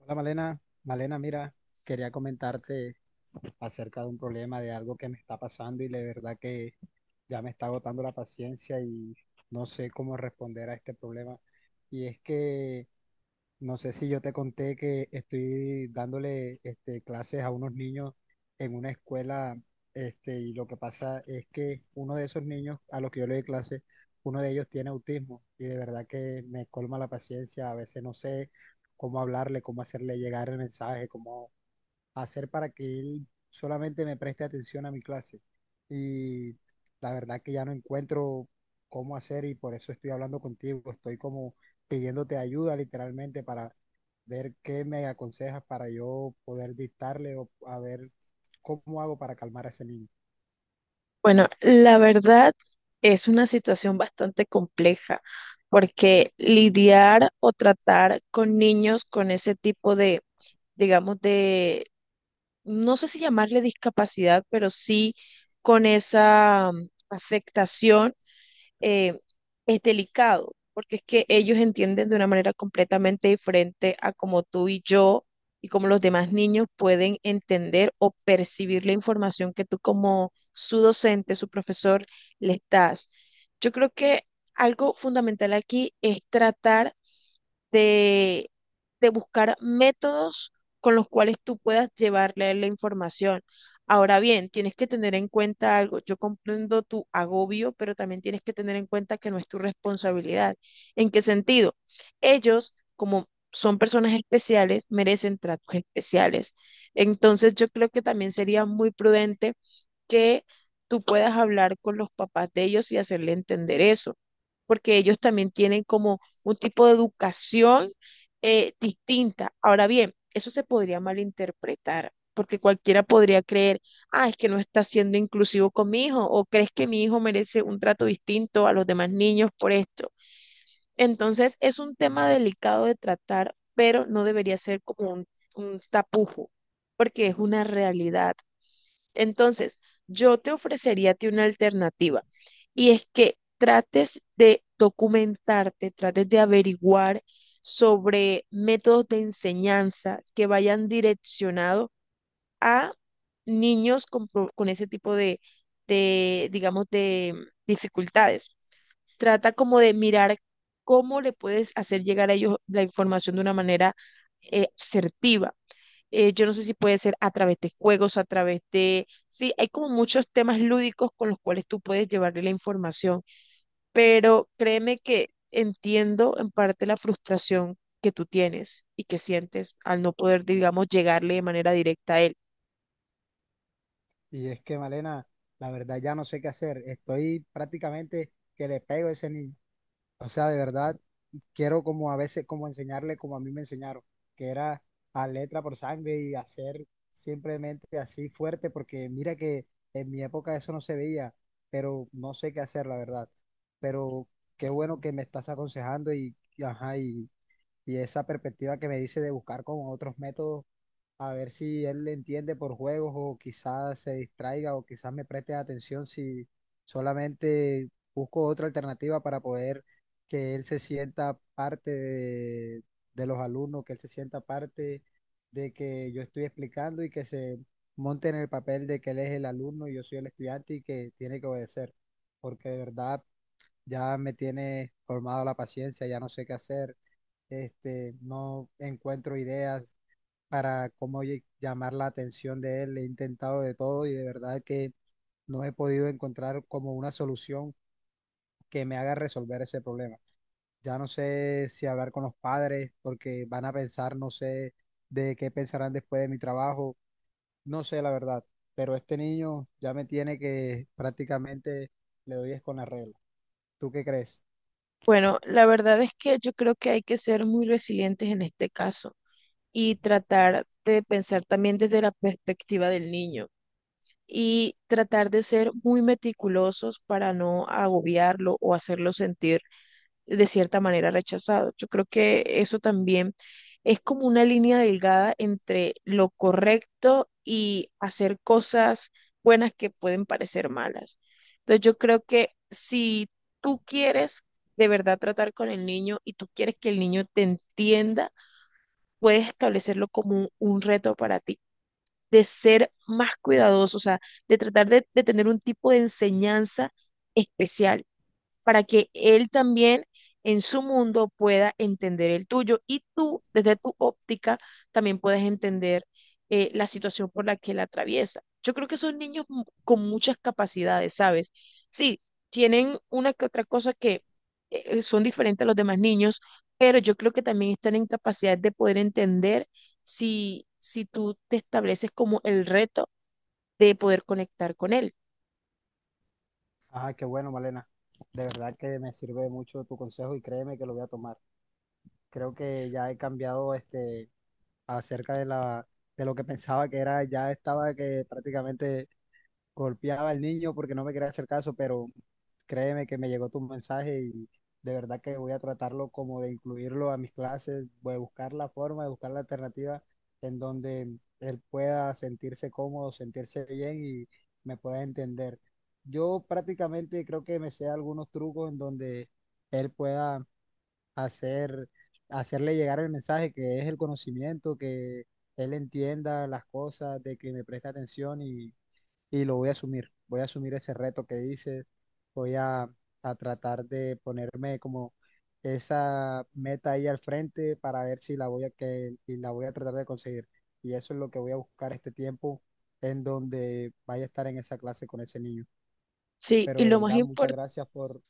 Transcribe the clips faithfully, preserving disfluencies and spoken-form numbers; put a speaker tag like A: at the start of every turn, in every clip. A: Hola Malena, Malena, mira, quería comentarte acerca de un problema, de algo que me está pasando y de verdad que ya me está agotando la paciencia y no sé cómo responder a este problema. Y es que no sé si yo te conté que estoy dándole este, clases a unos niños en una escuela, este, y lo que pasa es que uno de esos niños a los que yo le doy clases, uno de ellos tiene autismo y de verdad que me colma la paciencia, a veces no sé cómo hablarle, cómo hacerle llegar el mensaje, cómo hacer para que él solamente me preste atención a mi clase. Y la verdad que ya no encuentro cómo hacer y por eso estoy hablando contigo. Estoy como pidiéndote ayuda literalmente para ver qué me aconsejas para yo poder dictarle o a ver cómo hago para calmar a ese niño.
B: Bueno, la verdad es una situación bastante compleja porque lidiar o tratar con niños con ese tipo de, digamos, de, no sé si llamarle discapacidad, pero sí con esa mm, afectación eh, es delicado, porque es que ellos entienden de una manera completamente diferente a como tú y yo y como los demás niños pueden entender o percibir la información que tú como su docente, su profesor, les das. Yo creo que algo fundamental aquí es tratar de, de buscar métodos con los cuales tú puedas llevarle la información. Ahora bien, tienes que tener en cuenta algo. Yo comprendo tu agobio, pero también tienes que tener en cuenta que no es tu responsabilidad. ¿En qué sentido? Ellos, como son personas especiales, merecen tratos especiales. Entonces, yo creo que también sería muy prudente que tú puedas hablar con los papás de ellos y hacerle entender eso, porque ellos también tienen como un tipo de educación eh, distinta. Ahora bien, eso se podría malinterpretar, porque cualquiera podría creer, ah, es que no está siendo inclusivo con mi hijo, o crees que mi hijo merece un trato distinto a los demás niños por esto. Entonces, es un tema delicado de tratar, pero no debería ser como un, un tapujo, porque es una realidad. Entonces, yo te ofrecería a ti una alternativa y es que trates de documentarte, trates de averiguar sobre métodos de enseñanza que vayan direccionados a niños con, pro- con ese tipo de, de, digamos, de dificultades. Trata como de mirar cómo le puedes hacer llegar a ellos la información de una manera eh, asertiva eh, yo no sé si puede ser a través de juegos, a través de... Sí, hay como muchos temas lúdicos con los cuales tú puedes llevarle la información, pero créeme que entiendo en parte la frustración que tú tienes y que sientes al no poder, digamos, llegarle de manera directa a él.
A: Y es que, Malena, la verdad ya no sé qué hacer. Estoy prácticamente que le pego a ese niño. O sea, de verdad, quiero como a veces, como enseñarle como a mí me enseñaron, que era a letra por sangre y hacer simplemente así fuerte, porque mira que en mi época eso no se veía, pero no sé qué hacer, la verdad. Pero qué bueno que me estás aconsejando y, y ajá, y y esa perspectiva que me dice de buscar con otros métodos, a ver si él le entiende por juegos o quizás se distraiga o quizás me preste atención si solamente busco otra alternativa para poder que él se sienta parte de, de los alumnos, que él se sienta parte de que yo estoy explicando y que se monte en el papel de que él es el alumno y yo soy el estudiante y que tiene que obedecer, porque de verdad ya me tiene colmado la paciencia, ya no sé qué hacer, este, no encuentro ideas para cómo lle- llamar la atención de él, he intentado de todo y de verdad que no he podido encontrar como una solución que me haga resolver ese problema. Ya no sé si hablar con los padres porque van a pensar, no sé de qué pensarán después de mi trabajo, no sé la verdad, pero este niño ya me tiene que prácticamente le doy es con la regla. ¿Tú qué crees?
B: Bueno, la verdad es que yo creo que hay que ser muy resilientes en este caso y tratar de pensar también desde la perspectiva del niño y tratar de ser muy meticulosos para no agobiarlo o hacerlo sentir de cierta manera rechazado. Yo creo que eso también es como una línea delgada entre lo correcto y hacer cosas buenas que pueden parecer malas. Entonces yo creo que si tú quieres de verdad tratar con el niño y tú quieres que el niño te entienda, puedes establecerlo como un, un reto para ti, de ser más cuidadoso, o sea, de tratar de, de tener un tipo de enseñanza especial para que él también en su mundo pueda entender el tuyo y tú, desde tu óptica, también puedes entender eh, la situación por la que él atraviesa. Yo creo que son niños mu- con muchas capacidades, ¿sabes? Sí, tienen una que otra cosa que eh, eh, son diferentes a los demás niños, pero yo creo que también están en capacidad de poder entender si, si tú te estableces como el reto de poder conectar con él.
A: Ah, qué bueno, Malena. De verdad que me sirve mucho tu consejo y créeme que lo voy a tomar. Creo que ya he cambiado este acerca de la de lo que pensaba que era, ya estaba que prácticamente golpeaba al niño porque no me quería hacer caso, pero créeme que me llegó tu mensaje y de verdad que voy a tratarlo como de incluirlo a mis clases, voy a buscar la forma, de buscar la alternativa en donde él pueda sentirse cómodo, sentirse bien y me pueda entender. Yo prácticamente creo que me sé algunos trucos en donde él pueda hacer, hacerle llegar el mensaje que es el conocimiento, que él entienda las cosas, de que me preste atención y y lo voy a asumir. Voy a asumir ese reto que dices, voy a, a tratar de ponerme como esa meta ahí al frente para ver si la voy a, que, y la voy a tratar de conseguir. Y eso es lo que voy a buscar este tiempo en donde vaya a estar en esa clase con ese niño.
B: Sí,
A: Pero
B: y
A: de
B: lo más
A: verdad, muchas
B: importante.
A: gracias por,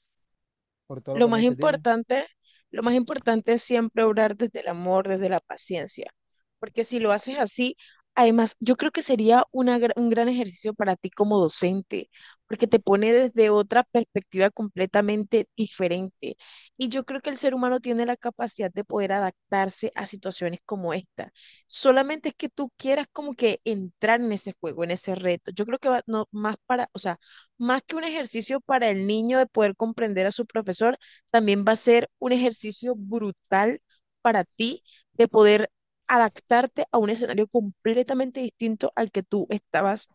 A: por todo lo
B: Lo
A: que me
B: más
A: dices. Dime,
B: importante, lo más importante es siempre obrar desde el amor, desde la paciencia, porque si lo haces así, además, yo creo que sería una gra- un gran ejercicio para ti como docente, porque te pone desde otra perspectiva completamente diferente. Y yo creo que el ser humano tiene la capacidad de poder adaptarse a situaciones como esta. Solamente es que tú quieras como que entrar en ese juego, en ese reto. Yo creo que va no, más para, o sea, más que un ejercicio para el niño de poder comprender a su profesor, también va a ser un ejercicio brutal para ti de poder adaptarte a un escenario completamente distinto al que tú estabas,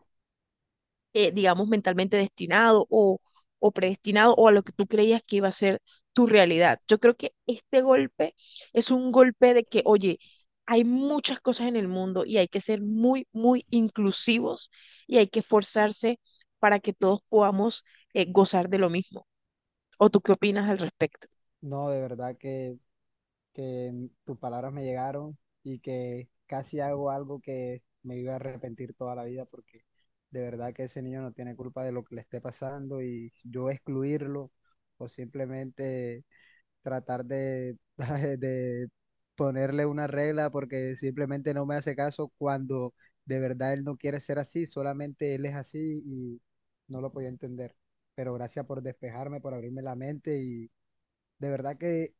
B: eh, digamos, mentalmente destinado o, o predestinado o a lo que tú creías que iba a ser tu realidad. Yo creo que este golpe es un golpe de que, oye, hay muchas cosas en el mundo y hay que ser muy, muy inclusivos y hay que esforzarse para que todos podamos eh, gozar de lo mismo. ¿O tú qué opinas al respecto?
A: no, de verdad que que mm, tus palabras me llegaron y que casi hago algo que me iba a arrepentir toda la vida porque de verdad que ese niño no tiene culpa de lo que le esté pasando y yo excluirlo o simplemente tratar de, de ponerle una regla porque simplemente no me hace caso cuando de verdad él no quiere ser así, solamente él es así y no lo podía entender. Pero gracias por despejarme, por abrirme la mente y de verdad que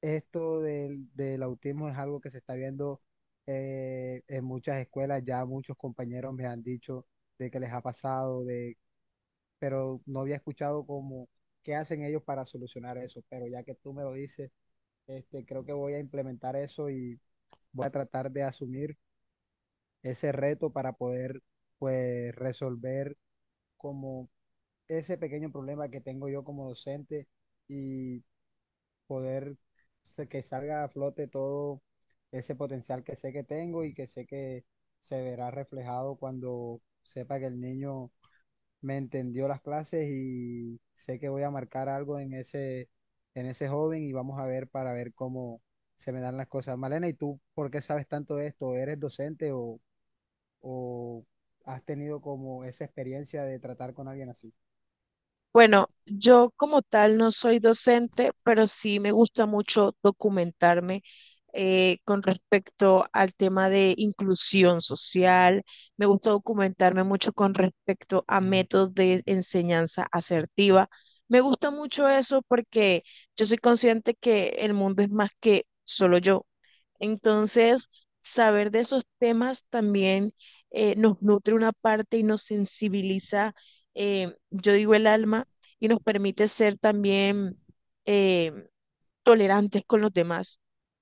A: esto del, del autismo es algo que se está viendo eh, en muchas escuelas. Ya muchos compañeros me han dicho de que les ha pasado, de, pero no había escuchado como qué hacen ellos para solucionar eso. Pero ya que tú me lo dices, este, creo que voy a implementar eso y voy a tratar de asumir ese reto para poder pues resolver como ese pequeño problema que tengo yo como docente y poder se- que salga a flote todo ese potencial que sé que tengo y que sé que se verá reflejado cuando sepa que el niño me entendió las clases y sé que voy a marcar algo en ese, en ese joven y vamos a ver para ver cómo se me dan las cosas. Malena, ¿y tú por qué sabes tanto de esto? ¿Eres docente o, o has tenido como esa experiencia de tratar con alguien así?
B: Bueno, yo como tal no soy docente, pero sí me gusta mucho documentarme eh, con respecto al tema de inclusión social. Me gusta documentarme mucho con respecto a métodos de enseñanza asertiva. Me gusta mucho eso porque yo soy consciente que el mundo es más que solo yo. Entonces, saber de esos temas también eh, nos nutre una parte y nos sensibiliza, eh, yo digo el alma, y nos permite ser también eh, tolerantes con los demás.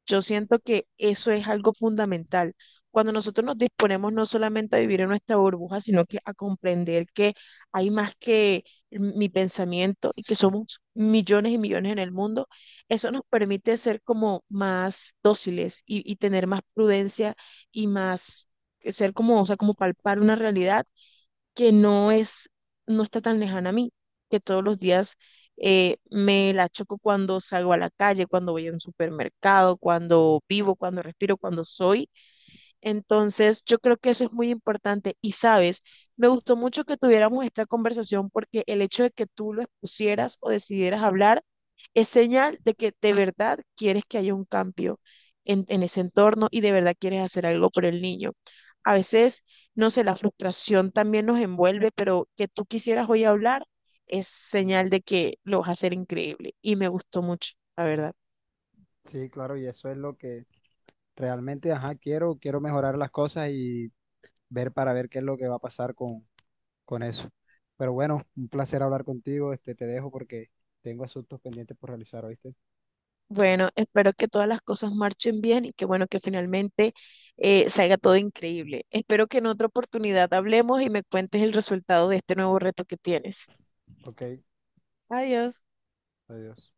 B: Yo siento que eso es algo fundamental. Cuando nosotros nos disponemos no solamente a vivir en nuestra burbuja, sino que a comprender que hay más que mi pensamiento y que somos millones y millones en el mundo, eso nos permite ser como más dóciles y, y tener más prudencia y más ser como, o sea, como palpar una realidad que no es, no está tan lejana a mí, que todos los días eh, me la choco cuando salgo a la calle, cuando voy a un supermercado, cuando vivo, cuando respiro, cuando soy entonces, yo creo que eso es muy importante. Y sabes, me gustó mucho que tuviéramos esta conversación porque el hecho de que tú lo expusieras o decidieras hablar es señal de que de verdad quieres que haya un cambio en, en ese entorno y de verdad quieres hacer algo por el niño. A veces, no sé, la frustración también nos envuelve, pero que tú quisieras hoy hablar es señal de que lo vas a hacer increíble. Y me gustó mucho, la verdad.
A: Sí, claro, y eso es lo que realmente, ajá, quiero, quiero mejorar las cosas y ver para ver qué es lo que va a pasar con, con eso. Pero bueno, un placer hablar contigo. Este, te dejo porque tengo asuntos pendientes por realizar, ¿oíste?
B: Bueno, espero que todas las cosas marchen bien y que bueno, que finalmente eh, salga todo increíble. Espero que en otra oportunidad hablemos y me cuentes el resultado de este nuevo reto que tienes.
A: Ok,
B: Adiós.
A: adiós.